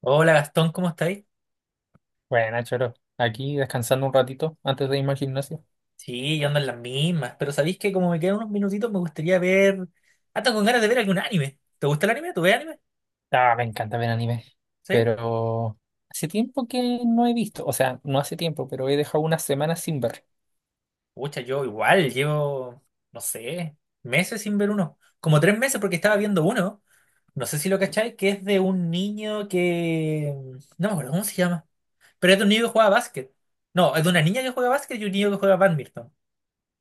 Hola Gastón, ¿cómo estáis? Bueno, Choro, aquí descansando un ratito antes de irme al gimnasio. Sí, yo ando en las mismas, pero sabéis que como me quedan unos minutitos me gustaría ver hasta con ganas de ver algún anime. ¿Te gusta el anime? ¿Tú ves anime? Ah, me encanta ver anime, Sí. pero hace tiempo que no he visto, o sea, no hace tiempo, pero he dejado unas semanas sin ver. Pucha, yo igual llevo, no sé, meses sin ver uno. Como 3 meses porque estaba viendo uno. No sé si lo cacháis, que es de un niño que. No me acuerdo cómo se llama. Pero es de un niño que juega básquet. No, es de una niña que juega básquet y un niño que juega badminton.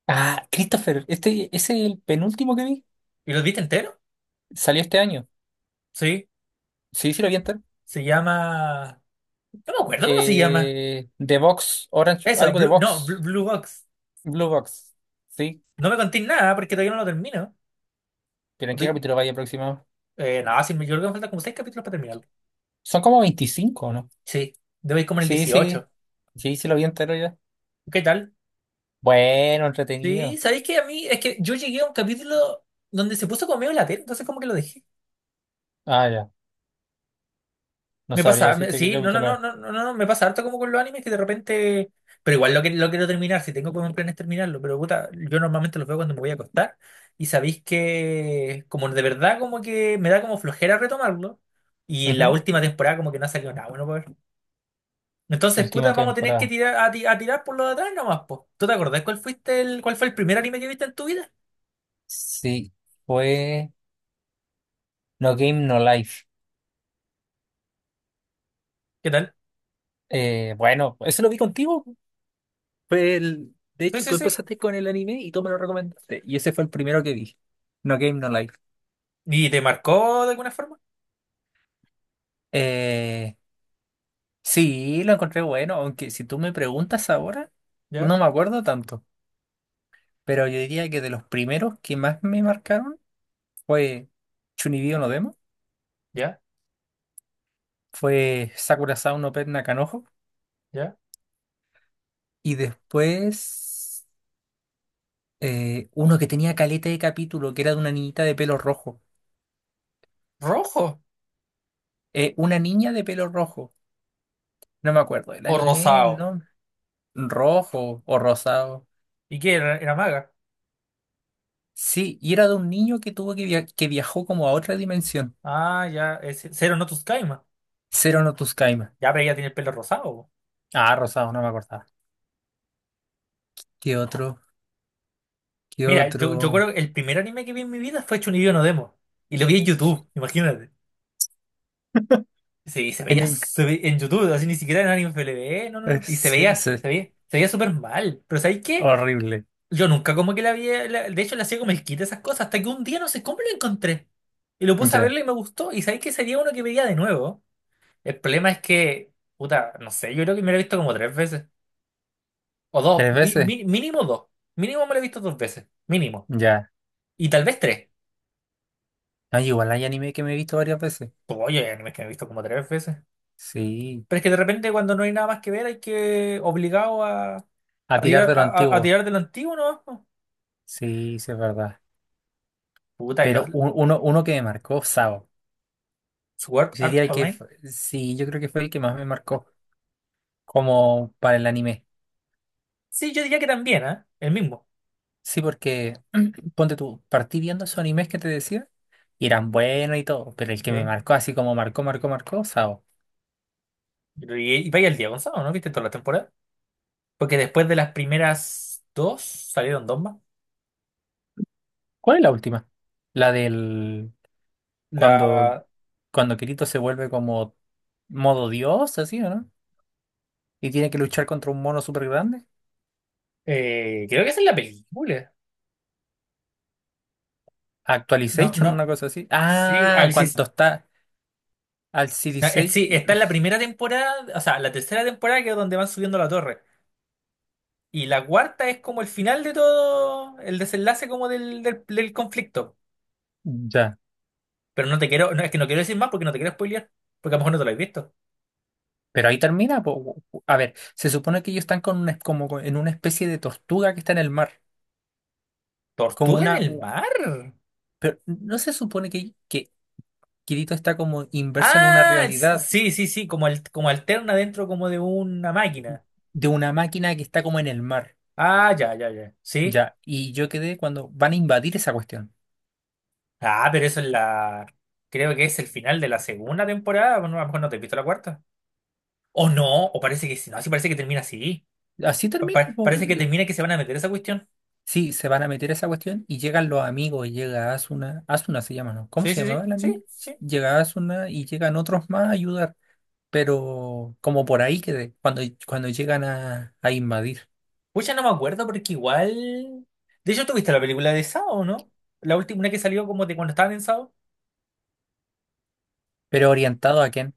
Ah, Christopher, este, ese es el penúltimo que vi, ¿Y lo viste entero? salió este año. Sí. Sí, sí lo vi entero. Se llama. No me acuerdo cómo se llama. The Box, Orange, Eso, algo de Blue, no, Blue Box, Blue Box. Blue Box, sí, No me contéis nada porque todavía no lo termino. pero ¿en qué Estoy- capítulo vaya aproximado? no, sí, yo creo que me faltan como seis capítulos para terminarlo. Son como 25, ¿no? Sí, debo ir como en el Sí, sí, 18. sí, sí lo vi entero ya. ¿Qué tal? Bueno, Sí, entretenido. ¿sabéis que a mí? Es que yo llegué a un capítulo donde se puso como medio latente, entonces como que lo dejé. Ah, ya. No Me sabría pasa, decirte qué sí, no, no, capítulo es. no, no, no, no, no, me pasa harto como con los animes que de repente. Pero igual lo quiero terminar, si tengo como un plan es terminarlo, pero puta, yo normalmente los veo cuando me voy a acostar y sabéis que como de verdad como que me da como flojera retomarlo y la Ujú. última temporada como que no ha salido nada bueno. Entonces, Última puta, vamos a tener que temporada. tirar a tirar por lo de atrás nomás, po. ¿Tú te acordás cuál fue el primer anime que viste en tu vida? Sí, fue No Game, No Life. ¿Qué tal? Bueno, eso lo vi contigo. Fue el... De Sí, hecho, sí, tú sí. empezaste con el anime y tú me lo recomendaste. Y ese fue el primero que vi. No Game, No Life. ¿Y te marcó de alguna forma? Eh, sí, lo encontré bueno, aunque si tú me preguntas ahora, no Ya, me acuerdo tanto. Pero yo diría que de los primeros que más me marcaron fue Chunibyo no Demo, ya, fue Sakura Sao no Pet Nakanojo. ya. Y después uno que tenía caleta de capítulo, que era de una niñita de pelo rojo. ¿Rojo Una niña de pelo rojo. No me acuerdo. El o anime, el rosado? nombre. Rojo o rosado. ¿Y qué era? ¿Era maga? Sí, y era de un niño que tuvo que, que viajó como a otra dimensión. Ah, ya, es Zero no tus Kaima. Cero no Tuskaima. Ya, pero ella tiene el pelo rosado, po. Ah, rosado, no me acordaba. ¿Qué otro? ¿Qué Mira, yo otro? creo que el primer anime que vi en mi vida fue Chunibyo no Demo. Y lo vi en YouTube, imagínate. Sí, se En veía inc- se ve- en YouTube, así ni siquiera en Anime FLV, no, no, no. Y se Sí, veía, sí, se veía, se veía súper mal. Pero ¿sabéis qué? horrible. Yo nunca como que de hecho la hacía como el kit de esas cosas, hasta que un día no sé cómo lo encontré. Y lo puse a Ya. verlo y me gustó. Y sabéis que sería uno que veía de nuevo. El problema es que, puta, no sé, yo creo que me lo he visto como tres veces. O dos, ¿Tres veces? Mínimo dos. Mínimo me lo he visto dos veces, mínimo. Ya. Y tal vez tres. No, igual hay anime que me he visto varias veces. Pues, oye, hay animes que me he visto como tres veces. Sí. Pero es que de repente cuando no hay nada más que ver hay que obligado a, A a tirar tirar, de lo a, a- a antiguo. tirar de lo antiguo, ¿no? Sí, sí, es verdad. Puta, y los Pero uno que me marcó, Sao. Sword Yo Art diría que Online. fue- sí, yo creo que fue el que más me marcó como para el anime. Sí, yo diría que también, ¿eh? El mismo. Sí, porque ponte tú, partí viendo esos animes que te decía y eran buenos y todo, pero el que me marcó así como marcó, marcó, marcó, Sao. Y vaya el Diego Gonzalo, ¿no? ¿Viste toda la temporada? Porque después de las primeras dos salieron dos más. ¿Cuál es la última? La del cuando, La, cuando Kirito se vuelve como modo dios, así, ¿o no? Y tiene que luchar contra un mono súper grande. creo que esa es la película. No, Actualization, una no. cosa así. Sí, Ah, Alice. cuando está al C D No, seis. sí, está en la primera temporada, o sea, la tercera temporada que es donde van subiendo la torre. Y la cuarta es como el final de todo, el desenlace como del conflicto. Ya. Pero no te quiero, no, es que no quiero decir más porque no te quiero spoilear, porque a lo mejor no te lo has visto. Pero ahí termina. Po. A ver, se supone que ellos están con como en una especie de tortuga que está en el mar. Como ¿Tortuga en una. el mar? Pero no se supone que Kirito está como inverso en una Ah, realidad sí, sí, sí, como, como alterna dentro como de una máquina. de una máquina que está como en el mar. Ah, ya, ya, ya. Sí. Ya. Y yo quedé cuando van a invadir esa cuestión. Ah, pero eso es la. Creo que es el final de la segunda temporada. Bueno, a lo mejor no te he visto la cuarta. O no, o parece que sí. No, sí, parece que termina así. Así Pa- termina. pa- Po. parece que termina que se van a meter esa cuestión. Sí, se van a meter a esa cuestión y llegan los amigos. Y llega Asuna. Asuna se llama, ¿no? ¿Cómo Sí, se sí, sí, llamaba la sí, amiga? sí. Llega Asuna y llegan otros más a ayudar. Pero como por ahí que cuando, cuando llegan a invadir. Pucha, no me acuerdo porque igual. De hecho, tú viste la película de Sao, ¿no? La última una que salió como de cuando estaban en Sao. Pero orientado a quién.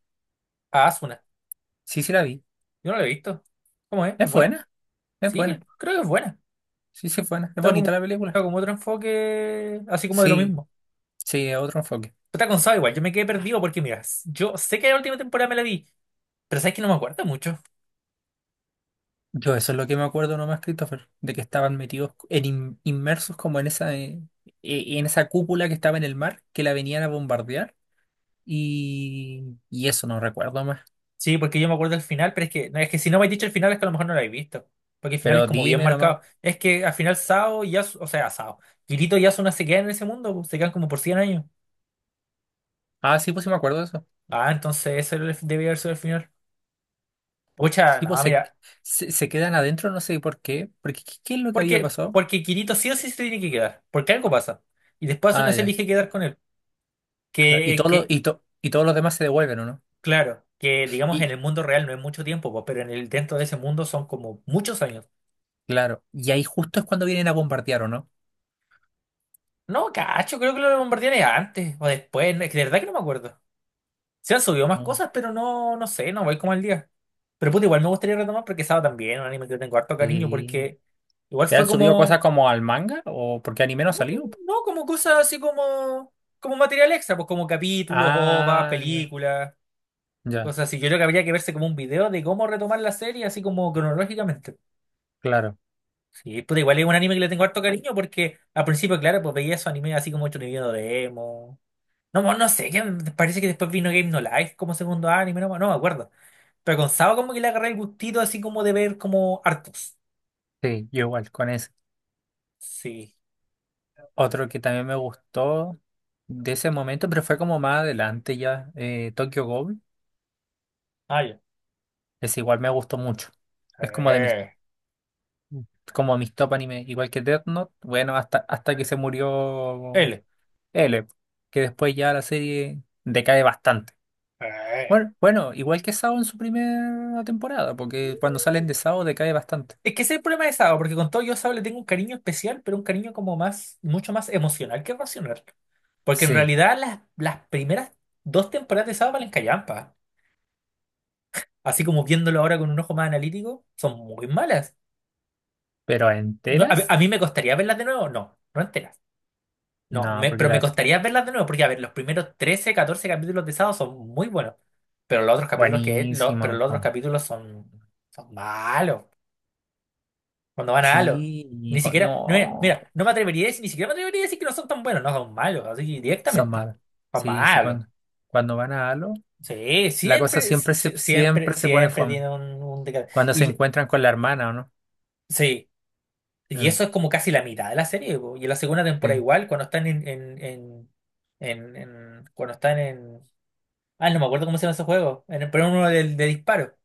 Ah, Asuna. Sí, sí la vi. Yo no la he visto. ¿Cómo es? ¿Es Es buena? buena, es Sí, buena. Creo que es buena. Sí, sí, es buena. Es Está bonita como, la película. Está como otro enfoque, así como de lo Sí, mismo. sí, es otro enfoque. Pero está con Saw igual, yo me quedé perdido porque, mira, yo sé que la última temporada me la vi, pero sabes que no me acuerdo mucho. Yo eso es lo que me acuerdo nomás, Christopher, de que estaban metidos en inmersos como en esa cúpula que estaba en el mar, que la venían a bombardear y eso no recuerdo más. Sí, porque yo me acuerdo del final, pero es que, no, es que si no me has dicho el final es que a lo mejor no lo habéis visto. Porque el final es Pero como bien dime nomás. marcado. Es que al final Sao y Yasu, o sea, Sao, Kirito y Asuna se quedan en ese mundo, pues, se quedan como por 100 años. Ah, sí, pues sí me acuerdo de eso. Ah, entonces ese era debe haber sido el final. Pucha, Sí, pues no, mira, se quedan adentro, no sé por qué, porque ¿qué, qué es lo que había porque, pasado? porque Kirito sí o sí se tiene que quedar, porque algo pasa. Y después Ah, Asuna se ya, elige quedar con él. claro. Y todos los, Que y, y todos los demás se devuelven, ¿o no? Claro, que digamos en Y el mundo real no es mucho tiempo, pues, pero en el dentro de ese mundo son como muchos años. claro, y ahí justo es cuando vienen a bombardear, ¿o no? No, cacho, creo que lo bombardearon antes o después, no, es que de verdad que no me acuerdo. Se han subido más Mm. cosas, pero no, no sé, no voy como al día. Pero puta, igual me gustaría retomar porque estaba también un anime que le tengo harto cariño Sí. porque igual ¿Te fue han subido cosas como, como al manga? ¿O porque anime no ha no, salido? no, no, como cosas así como material extra, pues como capítulos, o OVA, Ah, ya, películas, ya, cosas así. Yo creo que habría que verse como un video de cómo retomar la serie así como cronológicamente. claro. Sí, puta, igual es un anime que le tengo harto cariño porque al principio, claro, pues veía esos animes así como hecho video de emo. No, no sé, que me parece que después vino Game No Life como segundo anime, no, no me acuerdo. Pero con Saba como que le agarré el gustito así como de ver como hartos. Sí, yo igual con ese. Sí. Otro que también me gustó de ese momento, pero fue como más adelante ya, Tokyo Ghoul. Ah, ya. Ese igual me gustó mucho. Es como de mis, Eh, como mis top anime, igual que Death Note. Bueno, hasta, hasta que se murió. él. L, que después ya la serie decae bastante. Eh. Bueno, bueno, igual que Sao en su primera temporada, porque cuando salen de Sao decae bastante. Es que ese es el problema de Saba, porque con todo yo a Saba le tengo un cariño especial, pero un cariño como más, mucho más emocional que racional. Porque en Sí, realidad las primeras dos temporadas de Saba valen callampa, así como viéndolo ahora con un ojo más analítico, son muy malas. pero A ¿enteras? mí me costaría verlas de nuevo, no, no enteras. No, No, porque pero me la... costaría verlas de nuevo, porque a ver, los primeros 13 14 capítulos de Sado son muy buenos, pero los otros capítulos pero Buenísima. los otros Po. capítulos son, malos, cuando van a Halo. Sí, y Ni siquiera, no, mira, no, mira, no me atrevería a decir, ni siquiera me atrevería a decir que no son tan buenos, no son malos, así son directamente. malas. Son Sí, sí, malos. cuando, cuando van a Halo, Sí, la cosa siempre, si- siempre, siempre se pone siempre fome. tiene un deca-. Cuando se encuentran con la hermana, ¿o no? Sí, y Mm, eso es como casi la mitad de la serie, po. Y en la segunda sí, temporada igual, cuando están en. Ah, no me acuerdo cómo se llama ese juego. En el, pero uno de disparo.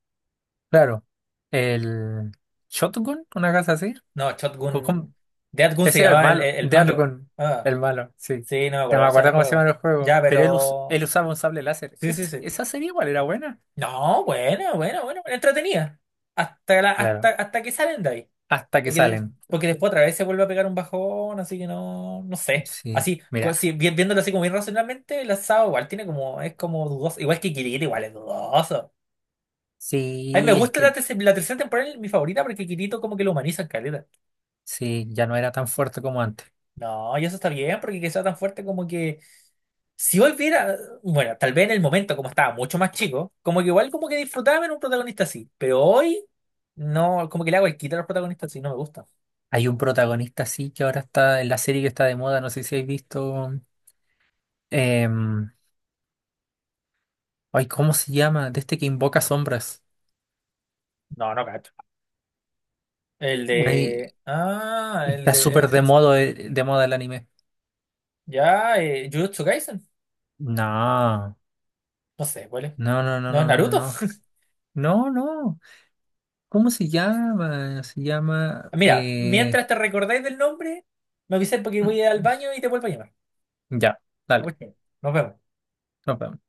claro. El Shotogun, una cosa así. No, ¿Cómo- Shotgun. cómo? Dead Gun se Ese era el llamaba malo, el malo. Deathgun, Ah, el malo, sí. sí, no me No acuerdo me cómo se llama acuerdo el cómo se llama juego. el Ya, juego, pero él, él pero. usaba un sable láser. Sí, sí, Es- sí. esa serie igual era buena. No, bueno, bueno, bueno, entretenida. Hasta la, hasta, Claro, hasta que salen de ahí. hasta que Porque, salen. porque después otra vez se vuelve a pegar un bajón, así que no, no sé. Sí, Así, co- mira, si, vi- viéndolo así como bien racionalmente, el asado igual tiene como, es como dudoso. Igual que Kirito, igual es dudoso. A mí me sí, es gusta que la tercera temporada, es mi favorita, porque Kirito como que lo humaniza en caleta. sí, ya no era tan fuerte como antes. No, y eso está bien, porque que sea tan fuerte como que. Si volviera, bueno, tal vez en el momento, como estaba mucho más chico, como que igual como que disfrutaba en un protagonista así. Pero hoy, no, como que le hago el quita a los protagonistas así, no me gusta. Hay un protagonista, sí, que ahora está en la serie que está de moda, no sé si habéis visto. em, ay, ¿cómo se llama? De este que invoca sombras. No, no cacho. El Güey, de. Ah, el está de. súper de moda el anime. Ya, Jujutsu Kaisen. No, No sé, ¿cuál es? no, no, no, ¿No es no, no, Naruto? no. No, no. No. ¿Cómo se llama? Se llama... Mira, mientras te recordáis del nombre, me avisáis porque mm, voy al mm, baño y te vuelvo a llamar. ya, Ya, pues, dale. nos vemos. Nos vemos.